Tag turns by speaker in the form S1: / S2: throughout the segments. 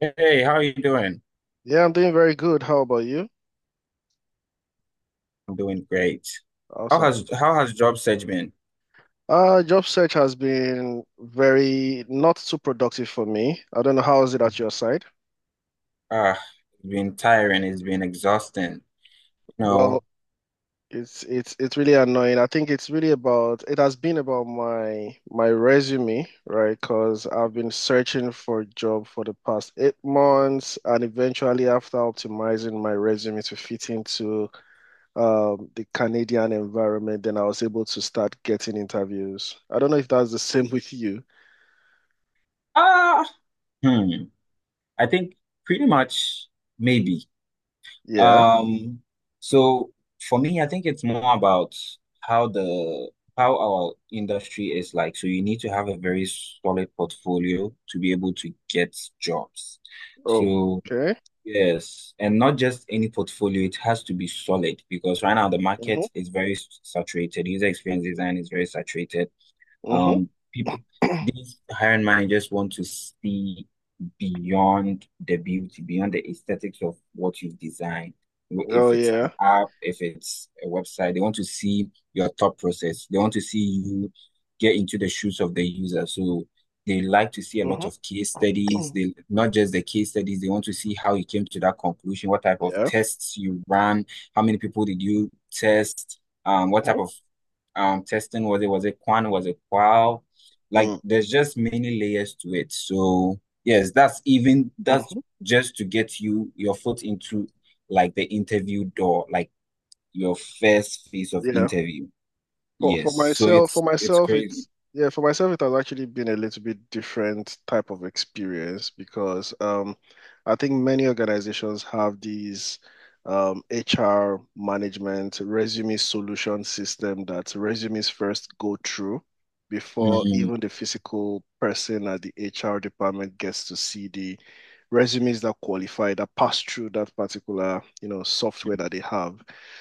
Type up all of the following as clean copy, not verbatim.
S1: Hey, how are you doing?
S2: Yeah, I'm doing very good. How about you?
S1: I'm doing great. How
S2: Awesome.
S1: has how has job search been?
S2: Job search has been very not too productive for me. I don't know how is it at your side.
S1: Ah, it's been tiring, it's been exhausting. You
S2: Well,
S1: know,
S2: it's really annoying. I think it's really about it has been about my resume, right? Because I've been searching for a job for the past 8 months, and eventually after optimizing my resume to fit into the Canadian environment, then I was able to start getting interviews. I don't know if that's the same with you.
S1: ah, hmm. I think pretty much maybe.
S2: Yeah.
S1: Um, so for me, I think it's more about how the how our industry is like. So you need to have a very solid portfolio to be able to get jobs. So.
S2: Okay.
S1: Yes, and not just any portfolio, it has to be solid because right now the
S2: Mm-hmm.
S1: market is very saturated. User experience design is very saturated.
S2: Mm-hmm.
S1: People, these hiring managers want to see beyond the beauty, beyond the aesthetics of what you've designed.
S2: Oh,
S1: If it's an
S2: yeah.
S1: app, if it's a website, they want to see your thought process. They want to see you get into the shoes of the user. So they like to see a lot
S2: Mm-hmm.
S1: of case studies. They not just the case studies, they want to see how you came to that conclusion, what type of
S2: Yeah.
S1: tests you ran, how many people did you test, what
S2: Mm-hmm.
S1: type of testing was it? Was it Quan? Was it Qual? Like
S2: Mm-hmm.
S1: there's just many layers to it. So yes, that's
S2: Mm-hmm.
S1: just to get you your foot into like the interview door, like your first phase of
S2: Yeah.
S1: interview.
S2: For for
S1: Yes. So
S2: myself, for
S1: it's
S2: myself,
S1: crazy.
S2: it's yeah, for myself, it has actually been a little bit different type of experience because I think many organizations have these HR management resume solution system that resumes first go through before
S1: Mm,
S2: even the physical person at the HR department gets to see the resumes that qualify, that pass through that particular, you know, software that they have.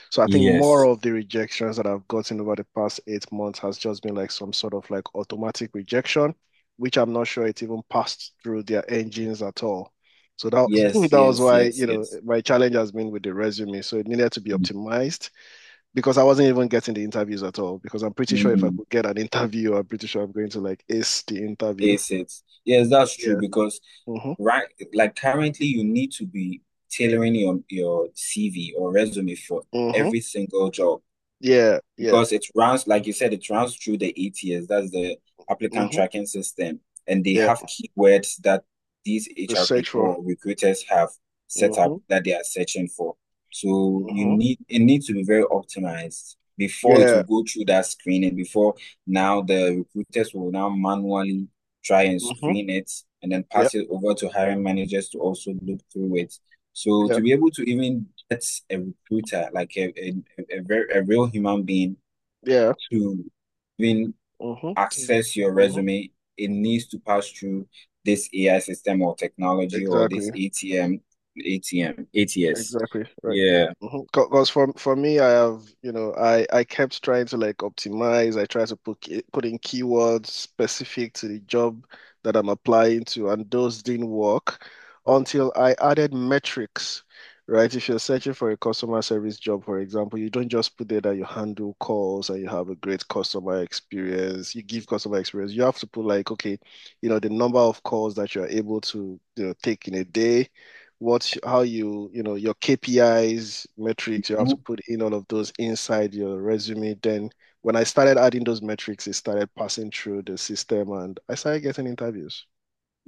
S2: So I think more
S1: yes.
S2: of the rejections that I've gotten over the past 8 months has just been like some sort of like automatic rejection, which I'm not sure it even passed through their engines at all. So that
S1: Yes,
S2: that was
S1: yes,
S2: why,
S1: yes,
S2: you know,
S1: yes.
S2: my challenge has been with the resume. So it needed to be optimized because I wasn't even getting the interviews at all. Because I'm pretty sure if I
S1: Mm,
S2: could get an interview, I'm pretty sure I'm going to like ace the interview.
S1: yes, it's yes, that's true
S2: Yeah.
S1: because
S2: Mm-hmm.
S1: right, like currently you need to be tailoring your CV or resume for
S2: Mm-hmm.
S1: every single job
S2: Yeah. Yeah.
S1: because it runs, like you said, it runs through the ATS, that's the applicant
S2: Mm-hmm.
S1: tracking system, and they
S2: Yeah.
S1: have keywords that these
S2: The
S1: HR people
S2: sexual.
S1: or recruiters have set up
S2: Mm-hmm.
S1: that they are searching for. So you
S2: Mm-hmm.
S1: need it needs to be very optimized before it
S2: Yeah.
S1: will go through that screening. Before now, the recruiters will now manually try and
S2: Mm-hmm.
S1: screen it and then
S2: Yeah.
S1: pass it over to hiring managers to also look through it, so
S2: Yeah.
S1: to be able to even get a recruiter, like a very, a real human being,
S2: Yeah.
S1: to even
S2: Mm-hmm.
S1: access your
S2: Mm-hmm.
S1: resume, it needs to pass through this AI system or technology or this
S2: Exactly.
S1: ATM, ATM, ATS.
S2: Exactly. Right.
S1: Yeah.
S2: Because for me, I have, you know, I kept trying to like optimize. I tried to put put in keywords specific to the job that I'm applying to, and those didn't work until I added metrics, right? If you're searching for a customer service job, for example, you don't just put there that you handle calls and you have a great customer experience. You give customer experience. You have to put like, okay, you know, the number of calls that you're able to, you know, take in a day, what, how you, you know, your KPIs metrics, you have to put in all of those inside your resume. Then when I started adding those metrics, it started passing through the system and I started getting interviews.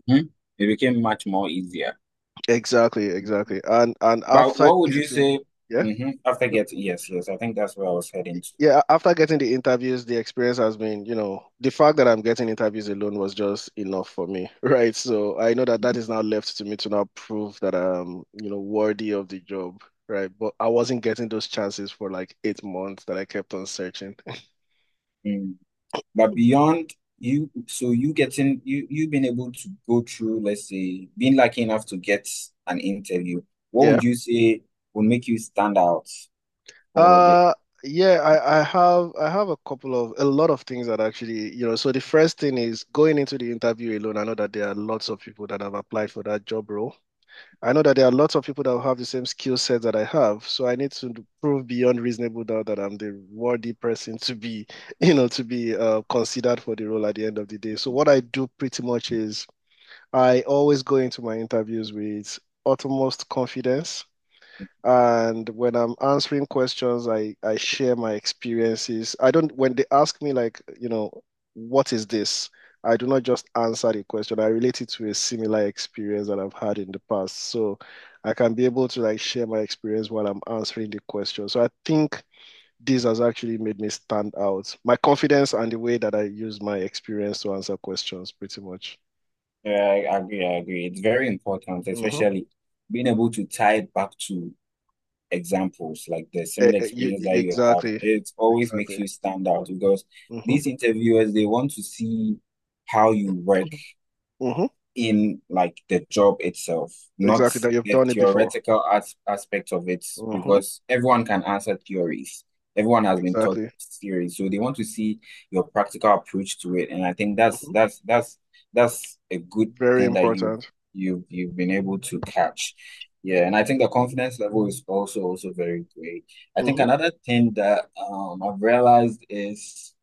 S1: Mhm. It became much more easier.
S2: Exactly, exactly. And
S1: But
S2: after
S1: what would you
S2: getting
S1: say?
S2: yeah,
S1: Hmm. After getting, yes, yes, I think that's where I was heading to.
S2: yeah, after getting the interviews, the experience has been, you know, the fact that I'm getting interviews alone was just enough for me, right? So I know that that is now left to me to now prove that I'm, you know, worthy of the job, right? But I wasn't getting those chances for like 8 months that I kept on searching.
S1: Mm-hmm. But beyond you, so you getting you being able to go through, let's say, being lucky enough to get an interview, what
S2: Yeah.
S1: would you say would make you stand out for the?
S2: Uh, yeah, I have a couple of a lot of things that actually, you know, so the first thing is going into the interview alone. I know that there are lots of people that have applied for that job role. I know that there are lots of people that have the same skill set that I have, so I need to prove beyond reasonable doubt that I'm the worthy person to be, you know, to be considered for the role at the end of the day. So what I do pretty much is I always go into my interviews with utmost confidence. And when I'm answering questions, I share my experiences. I don't, when they ask me, like, you know, what is this? I do not just answer the question. I relate it to a similar experience that I've had in the past. So I can be able to like share my experience while I'm answering the question. So I think this has actually made me stand out. My confidence and the way that I use my experience to answer questions, pretty much.
S1: I agree, I agree. It's very important,
S2: Mm-hmm.
S1: especially being able to tie it back to examples like the similar experience that you have.
S2: Exactly.
S1: It always makes
S2: Exactly.
S1: you stand out because
S2: Mm-hmm.
S1: these interviewers they want to see how you work
S2: Mm-hmm.
S1: in like the job itself, not
S2: Exactly, that you've
S1: the
S2: done it before.
S1: theoretical as aspect of it,
S2: Mm-hmm.
S1: because everyone can answer theories. Everyone has been taught
S2: Exactly.
S1: theories, so they want to see your practical approach to it. And I think that's
S2: Mm-hmm.
S1: that's that's that's a good
S2: Very
S1: thing that you
S2: important.
S1: you you've been able to catch. Yeah, and I think the confidence level is also very great. I think
S2: Mm-hmm.
S1: another thing that I've realized is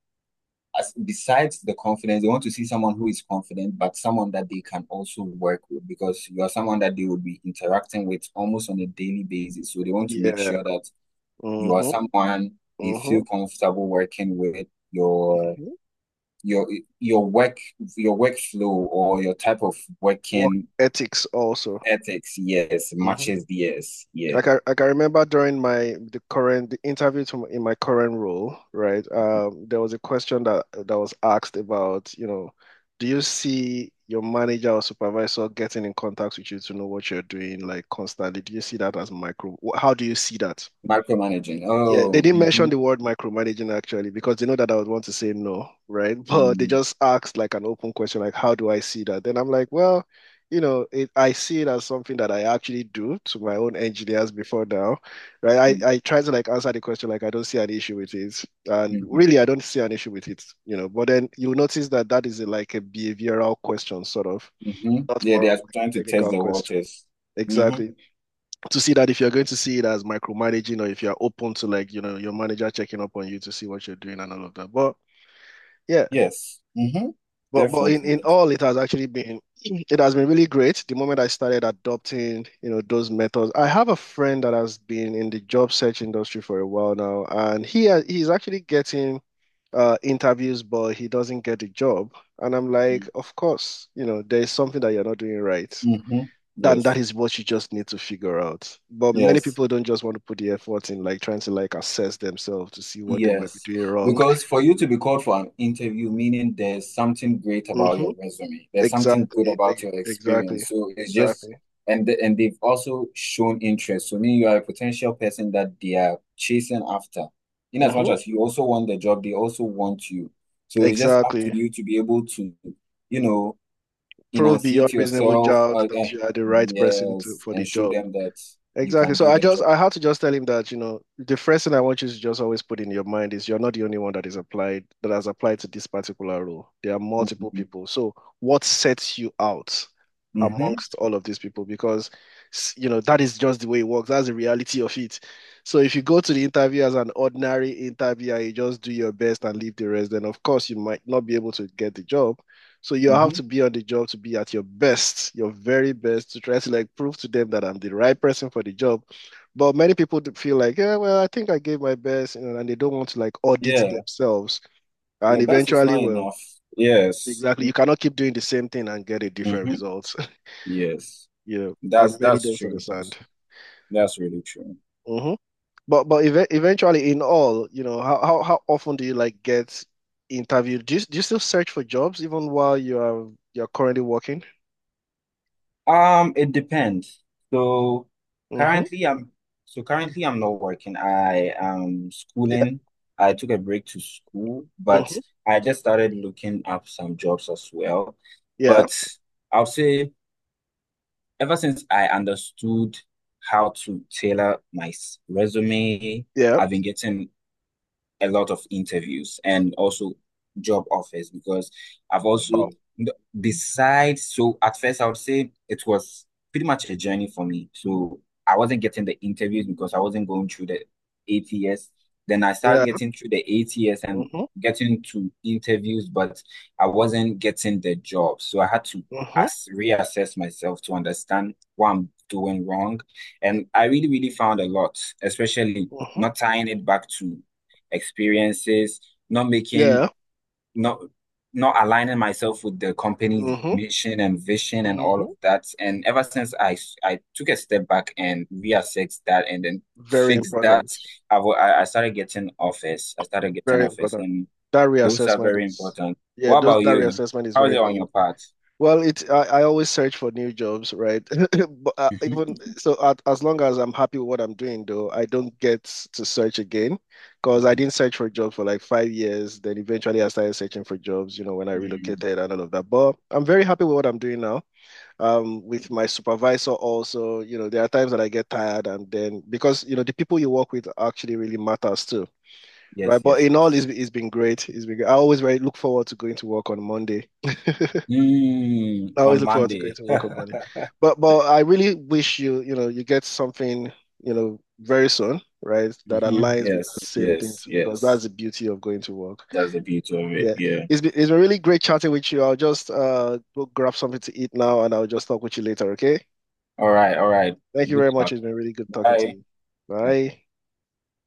S1: as besides the confidence, they want to see someone who is confident, but someone that they can also work with because you are someone that they will be interacting with almost on a daily basis. So they want to make
S2: Yeah.
S1: sure that you are
S2: Mm-hmm.
S1: someone they
S2: Mm-hmm.
S1: feel comfortable working with. Your
S2: Mm-hmm.
S1: your your work your workflow or your type of
S2: Work
S1: working
S2: ethics also.
S1: ethics, yes,
S2: Mm-hmm.
S1: matches theirs. Yeah.
S2: Like I can remember during my the current the interview to, in my current role, right? There was a question that was asked about, you know, do you see your manager or supervisor getting in contact with you to know what you're doing like constantly? Do you see that as micro? How do you see that?
S1: Micromanaging.
S2: Yeah, they
S1: Oh,
S2: didn't
S1: mm-hmm,
S2: mention the word micromanaging actually because they know that I would want to say no, right? But they
S1: mm-hmm,
S2: just asked like an open question, like, how do I see that? Then I'm like, well, you know, it, I see it as something that I actually do to my own engineers before now, right? I try to like answer the question like I don't see an issue with it. And
S1: mm-hmm,
S2: really, I don't see an issue with it, you know. But then you'll notice that that is a, like a behavioral question, sort of,
S1: mm-hmm.
S2: not
S1: Yeah,
S2: more
S1: they
S2: of
S1: are
S2: like
S1: trying
S2: a
S1: to test
S2: technical
S1: the
S2: question.
S1: waters. Mm-hmm.
S2: Exactly, to see that if you're going to see it as micromanaging or if you're open to like, you know, your manager checking up on you to see what you're doing and all of that. But yeah,
S1: Yes. Mm-hmm.
S2: but
S1: Definitely.
S2: in all, it has actually been it has been really great the moment I started adopting, you know, those methods. I have a friend that has been in the job search industry for a while now, and he has, he's actually getting interviews, but he doesn't get the job. And I'm like, of course, you know, there's something that you're not doing right.
S1: Mm-hmm.
S2: Then that
S1: Yes.
S2: is what you just need to figure out. But many
S1: Yes.
S2: people don't just want to put the effort in, like trying to like assess themselves to see what they might be
S1: Yes.
S2: doing wrong.
S1: Because for you to be called for an interview, meaning there's something great about
S2: Mm-hmm.
S1: your resume. There's something good
S2: Exactly.
S1: about your
S2: Exactly.
S1: experience. So it's just
S2: Exactly.
S1: and the- and they've also shown interest. So meaning you are a potential person that they are chasing after. In as much
S2: Mm-hmm.
S1: as you also want the job, they also want you. So it's just up to
S2: Exactly.
S1: you to be able to, you know,
S2: Prove
S1: enunciate
S2: beyond reasonable
S1: yourself.
S2: doubt that you are the right person to
S1: Yes,
S2: for the
S1: and show
S2: job.
S1: them that you
S2: Exactly.
S1: can
S2: So
S1: do
S2: I
S1: the
S2: just
S1: job.
S2: I had to just tell him that, you know, the first thing I want you to just always put in your mind is you're not the only one that is applied that has applied to this particular role. There are multiple
S1: Mm-hmm.
S2: people. So what sets you out
S1: Mm-hmm.
S2: amongst all of these people? Because you know, that is just the way it works. That's the reality of it. So if you go to the interview as an ordinary interviewer, you just do your best and leave the rest, then of course you might not be able to get the job. So you have
S1: Mm-hmm.
S2: to be on the job to be at your best, your very best, to try to like prove to them that I'm the right person for the job. But many people do feel like, yeah, well, I think I gave my best, you know, and they don't want to like audit
S1: Yeah,
S2: themselves. And
S1: your best is
S2: eventually,
S1: not
S2: well,
S1: enough. Yes.
S2: exactly, you cannot keep doing the same thing and get a different
S1: Mm-hmm.
S2: result.
S1: Yes,
S2: You know,
S1: that's
S2: and many
S1: that's
S2: don't
S1: true.
S2: understand.
S1: That's really true.
S2: Mm-hmm. But ev eventually, in all, you know, how often do you like get interviewed? Do you still search for jobs even while you're currently working?
S1: It depends. So
S2: Mm-hmm.
S1: currently, I'm so currently I'm not working. I am
S2: Yeah.
S1: schooling. I took a break to school, but
S2: Mm-hmm.
S1: I just started looking up some jobs as well.
S2: Yeah.
S1: But I'll say ever since I understood how to tailor my resume,
S2: Yeah.
S1: I've been getting a lot of interviews and also job offers because I've also
S2: Oh,
S1: besides so at first I would say it was pretty much a journey for me. So I wasn't getting the interviews because I wasn't going through the ATS. Then I started
S2: yeah.
S1: getting through the ATS and
S2: Mm-hmm.
S1: getting to interviews, but I wasn't getting the job. So I had to
S2: Mm-hmm.
S1: as reassess myself to understand what I'm doing wrong. And I really, really found a lot, especially
S2: Mm-hmm.
S1: not tying it back to experiences, not making,
S2: Yeah.
S1: not not aligning myself with the company's
S2: Mm-hmm.
S1: mission and vision and all of
S2: Mm-hmm.
S1: that. And ever since I took a step back and reassessed that and then
S2: Very
S1: fixed that,
S2: important.
S1: I started getting offers. I started getting
S2: Very
S1: offers,
S2: important.
S1: and
S2: That
S1: those are
S2: reassessment
S1: very
S2: is,
S1: important.
S2: yeah,
S1: What
S2: those,
S1: about
S2: that
S1: you?
S2: reassessment is
S1: How
S2: very
S1: is it on your
S2: important.
S1: part?
S2: Well, it I always search for new jobs, right? But even so, at, as long as I'm happy with what I'm doing, though, I don't get to search again because I didn't search for a job for like 5 years. Then eventually, I started searching for jobs, you know, when I
S1: Mm,
S2: relocated and all of that. But I'm very happy with what I'm doing now. With my supervisor also, you know, there are times that I get tired and then, because you know the people you work with actually really matters too, right?
S1: yes,
S2: But
S1: yes,
S2: in all,
S1: yes.
S2: it's been great, it's been great. I always very look forward to going to work on Monday. I
S1: Mm,
S2: always
S1: on
S2: look forward to going
S1: Monday.
S2: to work on Monday. But I really wish you, you know, you get something, you know, very soon, right, that
S1: Mhm.
S2: aligns with that
S1: Yes,
S2: same thing
S1: yes,
S2: too, because that's
S1: yes.
S2: the beauty of going to work,
S1: That's the beauty of it.
S2: yeah.
S1: Yeah.
S2: It's been really great chatting with you. I'll just go grab something to eat now and I'll just talk with you later, okay.
S1: All right, all right.
S2: Thank you
S1: Good
S2: very much.
S1: talk.
S2: It's been really good talking to
S1: Bye.
S2: you. Bye.